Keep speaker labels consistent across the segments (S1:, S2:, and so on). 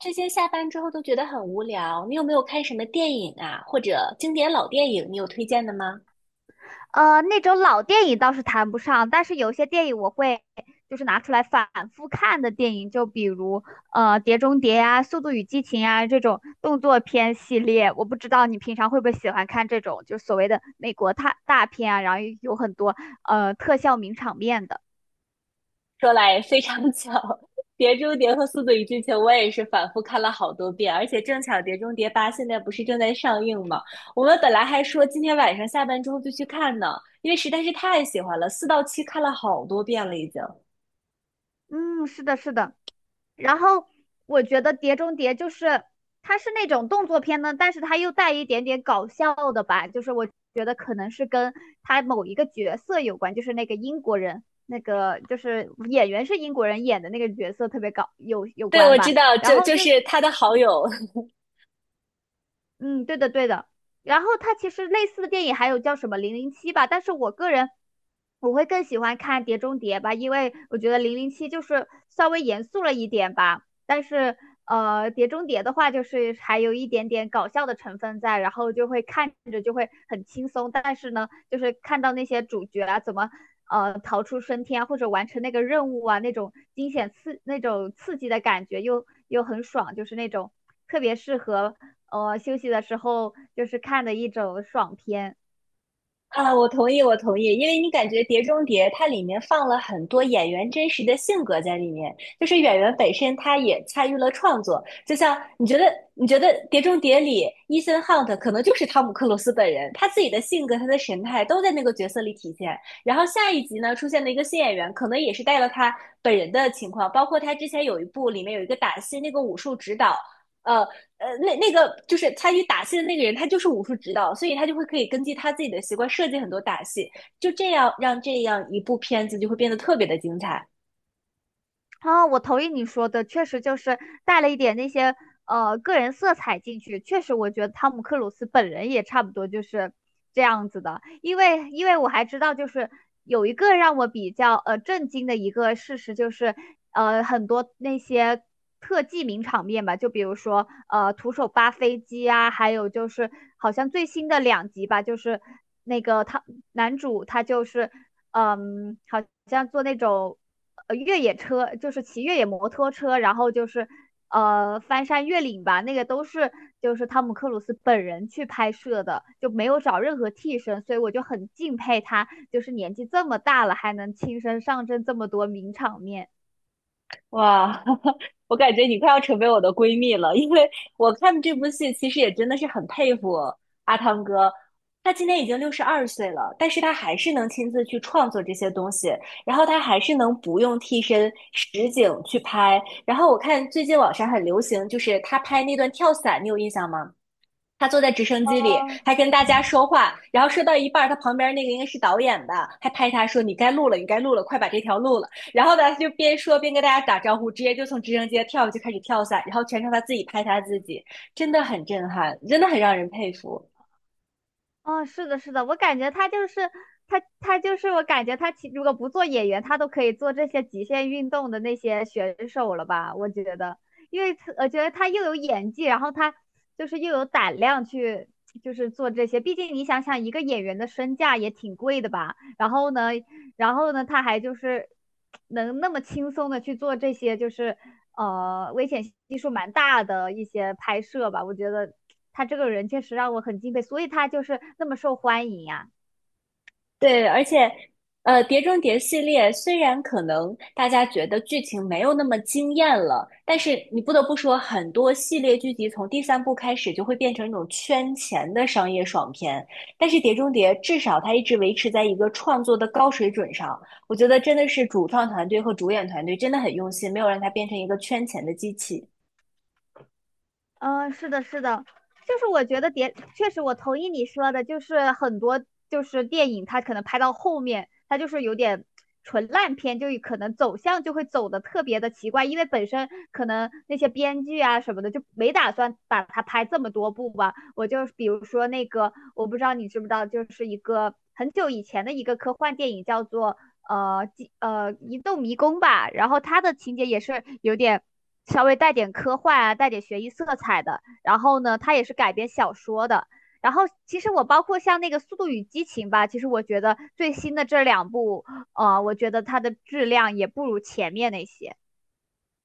S1: 这些下班之后都觉得很无聊，你有没有看什么电影啊，或者经典老电影，你有推荐的吗？
S2: 那种老电影倒是谈不上，但是有些电影我会就是拿出来反复看的电影，就比如《碟中谍》啊，《速度与激情》啊这种动作片系列。我不知道你平常会不会喜欢看这种，就是所谓的美国大片啊，然后有很多特效名场面的。
S1: 说来非常巧，《碟中谍》和《速度与激情》我也是反复看了好多遍，而且正巧《碟中谍八》现在不是正在上映吗？我们本来还说今天晚上下班之后就去看呢，因为实在是太喜欢了，四到七看了好多遍了已经。
S2: 嗯，是的，是的。然后我觉得《碟中谍》就是它是那种动作片呢，但是它又带一点点搞笑的吧，就是我觉得可能是跟它某一个角色有关，就是那个英国人，那个就是演员是英国人演的那个角色特别搞有有
S1: 对，
S2: 关
S1: 我知
S2: 吧。
S1: 道，
S2: 然
S1: 就
S2: 后
S1: 就
S2: 就是
S1: 是他的好友
S2: 嗯，对的，对的。然后它其实类似的电影还有叫什么《零零七》吧，但是我个人我会更喜欢看《碟中谍》吧，因为我觉得《零零七》就是稍微严肃了一点吧，但是《碟中谍》的话就是还有一点点搞笑的成分在，然后就会看着就会很轻松，但是呢，就是看到那些主角啊怎么逃出升天啊或者完成那个任务啊，那种惊险那种刺激的感觉又很爽，就是那种特别适合休息的时候就是看的一种爽片。
S1: 啊，我同意，我同意，因为你感觉《碟中谍》它里面放了很多演员真实的性格在里面，就是演员本身他也参与了创作。就像你觉得，你觉得《碟中谍》里伊森·汉特可能就是汤姆·克鲁斯本人，他自己的性格、他的神态都在那个角色里体现。然后下一集呢，出现了一个新演员，可能也是带了他本人的情况，包括他之前有一部里面有一个打戏，那个武术指导。呃，那个就是参与打戏的那个人，他就是武术指导，所以他就会可以根据他自己的习惯设计很多打戏，就这样让这样一部片子就会变得特别的精彩。
S2: 啊，我同意你说的，确实就是带了一点那些个人色彩进去。确实，我觉得汤姆克鲁斯本人也差不多就是这样子的，因为我还知道，就是有一个让我比较震惊的一个事实，就是很多那些特技名场面吧，就比如说徒手扒飞机啊，还有就是好像最新的两集吧，就是那个他男主他就是好像做那种。越野车，就是骑越野摩托车，然后就是翻山越岭吧，那个都是就是汤姆克鲁斯本人去拍摄的，就没有找任何替身，所以我就很敬佩他，就是年纪这么大了还能亲身上阵这么多名场面。
S1: 哇，我感觉你快要成为我的闺蜜了，因为我看这部戏其实也真的是很佩服阿汤哥，他今年已经62岁了，但是他还是能亲自去创作这些东西，然后他还是能不用替身实景去拍。然后我看最近网上很流行，就是他拍那段跳伞，你有印象吗？他坐在直升机里，
S2: 哦，
S1: 还跟大家说话，然后说到一半儿，他旁边那个应该是导演吧，还拍他说："你该录了，你该录了，快把这条录了。"然后呢，他就边说边跟大家打招呼，直接就从直升机跳下去开始跳伞，然后全程他自己拍他自己，真的很震撼，真的很让人佩服。
S2: 哦，是的，是的，我感觉他就是他就是我感觉他如果不做演员，他都可以做这些极限运动的那些选手了吧？我觉得，因为他我觉得他又有演技，然后他就是又有胆量去就是做这些。毕竟你想想，一个演员的身价也挺贵的吧？然后呢，然后呢,他还就是能那么轻松的去做这些，就是危险系数蛮大的一些拍摄吧。我觉得他这个人确实让我很敬佩，所以他就是那么受欢迎呀、啊
S1: 对，而且，《呃，《碟中谍》系列虽然可能大家觉得剧情没有那么惊艳了，但是你不得不说，很多系列剧集从第三部开始就会变成一种圈钱的商业爽片。但是《碟中谍》至少它一直维持在一个创作的高水准上，我觉得真的是主创团队和主演团队真的很用心，没有让它变成一个圈钱的机器。
S2: 嗯，是的，是的，就是我觉得确实我同意你说的，就是很多就是电影它可能拍到后面，它就是有点纯烂片，就可能走向就会走的特别的奇怪，因为本身可能那些编剧啊什么的就没打算把它拍这么多部吧。我就比如说那个，我不知道你知不知道，就是一个很久以前的一个科幻电影叫做呃几呃一栋迷宫吧，然后它的情节也是有点稍微带点科幻啊，带点悬疑色彩的。然后呢，它也是改编小说的。然后其实我包括像那个《速度与激情》吧，其实我觉得最新的这两部，我觉得它的质量也不如前面那些。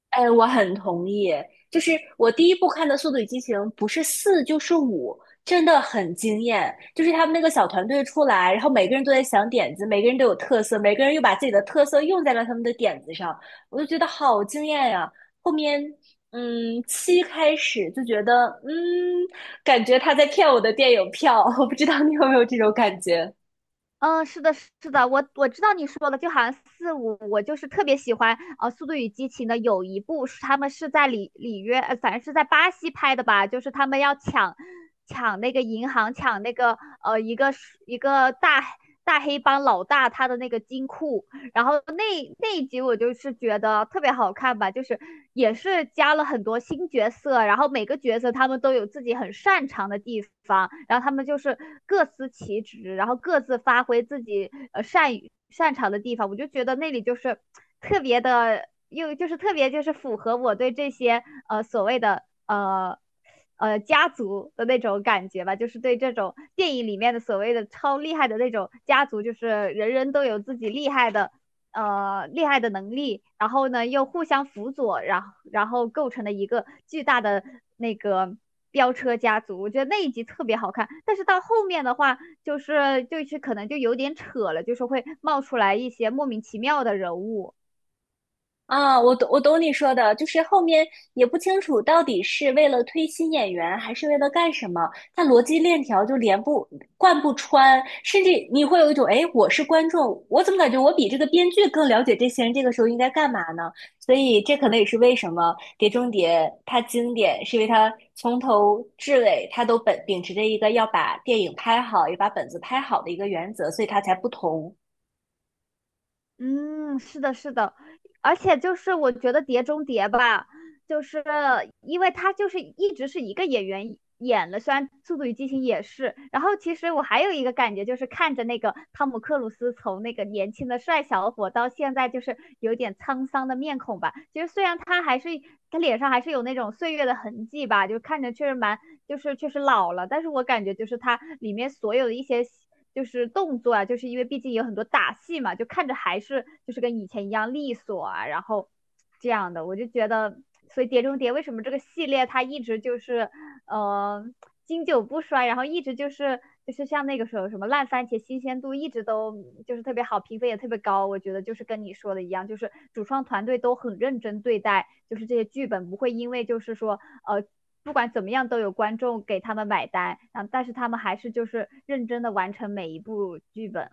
S1: 哎，我很同意。就是我第一部看的《速度与激情》，不是四就是五，真的很惊艳。就是他们那个小团队出来，然后每个人都在想点子，每个人都有特色，每个人又把自己的特色用在了他们的点子上，我就觉得好惊艳呀、后面，嗯，七开始就觉得，嗯，感觉他在骗我的电影票，我不知道你有没有这种感觉。
S2: 嗯，是的，是的，我知道你说的，就好像四五，我就是特别喜欢《速度与激情》的有一部是他们是在里约，反正是在巴西拍的吧，就是他们要抢那个银行，抢那个呃一个一个大黑帮老大他的那个金库，然后那一集我就是觉得特别好看吧，就是也是加了很多新角色，然后每个角色他们都有自己很擅长的地方，然后他们就是各司其职，然后各自发挥自己呃善于擅长的地方，我就觉得那里就是特别的，又就是特别就是符合我对这些所谓的家族的那种感觉吧，就是对这种电影里面的所谓的超厉害的那种家族，就是人人都有自己厉害的能力，然后呢又互相辅佐，然后构成了一个巨大的那个飙车家族。我觉得那一集特别好看，但是到后面的话，就是就是可能就有点扯了，就是会冒出来一些莫名其妙的人物。
S1: 啊，我懂，我懂你说的，就是后面也不清楚到底是为了推新演员，还是为了干什么，它逻辑链条就连不贯不穿，甚至你会有一种，哎，我是观众，我怎么感觉我比这个编剧更了解这些人这个时候应该干嘛呢？所以这可能也是为什么《碟中谍》它经典，是因为它从头至尾它都本秉持着一个要把电影拍好，也把本子拍好的一个原则，所以它才不同。
S2: 嗯，是的，是的，而且就是我觉得《碟中谍》吧，就是因为他就是一直是一个演员演了，虽然《速度与激情》也是，然后其实我还有一个感觉就是看着那个汤姆克鲁斯从那个年轻的帅小伙到现在就是有点沧桑的面孔吧，其实虽然他还是他脸上还是有那种岁月的痕迹吧，就看着确实蛮。就是确实老了，但是我感觉就是它里面所有的一些就是动作啊，就是因为毕竟有很多打戏嘛，就看着还是就是跟以前一样利索啊，然后这样的，我就觉得，所以《碟中谍》为什么这个系列它一直就是嗯。呃经久不衰，然后一直就是像那个时候什么烂番茄新鲜度一直都就是特别好，评分也特别高。我觉得就是跟你说的一样，就是主创团队都很认真对待，就是这些剧本不会因为就是说呃不管怎么样都有观众给他们买单，然但是他们还是就是认真的完成每一部剧本。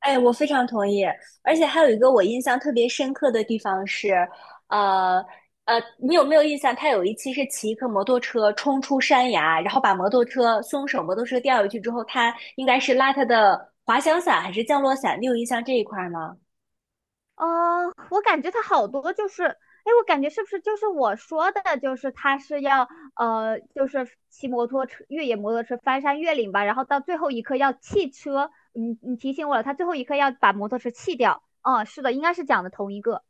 S1: 哎，我非常同意，而且还有一个我印象特别深刻的地方是，呃你有没有印象？他有一期是骑一个摩托车冲出山崖，然后把摩托车松手摩托车掉下去之后，他应该是拉他的滑翔伞还是降落伞？你有印象这一块吗？
S2: 哦，我感觉他好多就是，哎，我感觉是不是就是我说的，就是他是要就是骑摩托车、越野摩托车翻山越岭吧，然后到最后一刻要弃车，你提醒我了，他最后一刻要把摩托车弃掉。哦，是的，应该是讲的同一个。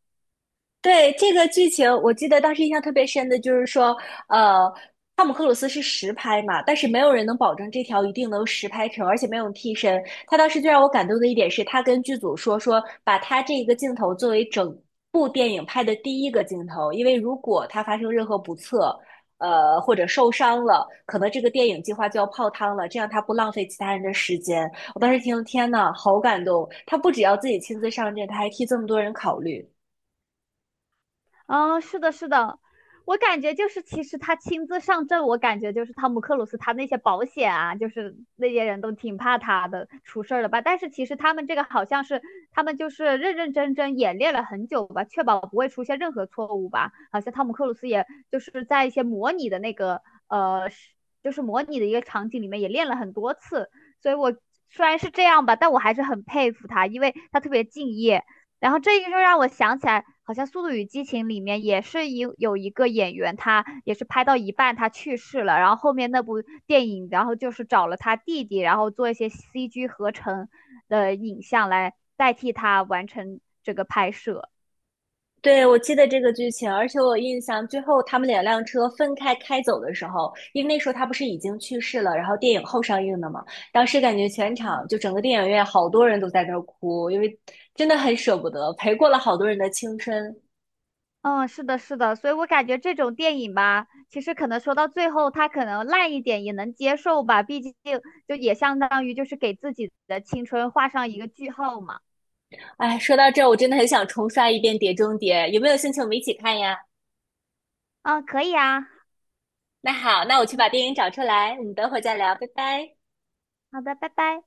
S1: 对，这个剧情，我记得当时印象特别深的就是说，呃，汤姆克鲁斯是实拍嘛，但是没有人能保证这条一定能实拍成，而且没有替身。他当时最让我感动的一点是，他跟剧组说，把他这一个镜头作为整部电影拍的第一个镜头，因为如果他发生任何不测，呃，或者受伤了，可能这个电影计划就要泡汤了，这样他不浪费其他人的时间。我当时听，天呐，好感动！他不只要自己亲自上阵，他还替这么多人考虑。
S2: 啊，是的，是的，我感觉就是，其实他亲自上阵，我感觉就是汤姆克鲁斯他那些保险啊，就是那些人都挺怕他的，出事儿了吧？但是其实他们这个好像是他们就是认认真真演练了很久吧，确保不会出现任何错误吧？好像汤姆克鲁斯也就是在一些模拟的那个呃，就是模拟的一个场景里面也练了很多次，所以我虽然是这样吧，但我还是很佩服他，因为他特别敬业，然后这个就让我想起来，好像《速度与激情》里面也是有一个演员，他也是拍到一半他去世了，然后后面那部电影，然后就是找了他弟弟，然后做一些 CG 合成的影像来代替他完成这个拍摄。
S1: 对，我记得这个剧情，而且我有印象最后他们两辆车分开开走的时候，因为那时候他不是已经去世了，然后电影后上映的嘛，当时感觉全场
S2: 嗯
S1: 就整个电影院好多人都在那儿哭，因为真的很舍不得，陪过了好多人的青春。
S2: 嗯，是的，是的，所以我感觉这种电影吧，其实可能说到最后，他可能烂一点也能接受吧，毕竟就也相当于就是给自己的青春画上一个句号嘛。
S1: 哎，说到这儿，我真的很想重刷一遍《碟中谍》，有没有兴趣我们一起看呀？
S2: 嗯，可以啊，
S1: 那好，那我去把电
S2: 嗯
S1: 影找出来，我们等会儿再聊，拜拜。
S2: 好的，拜拜。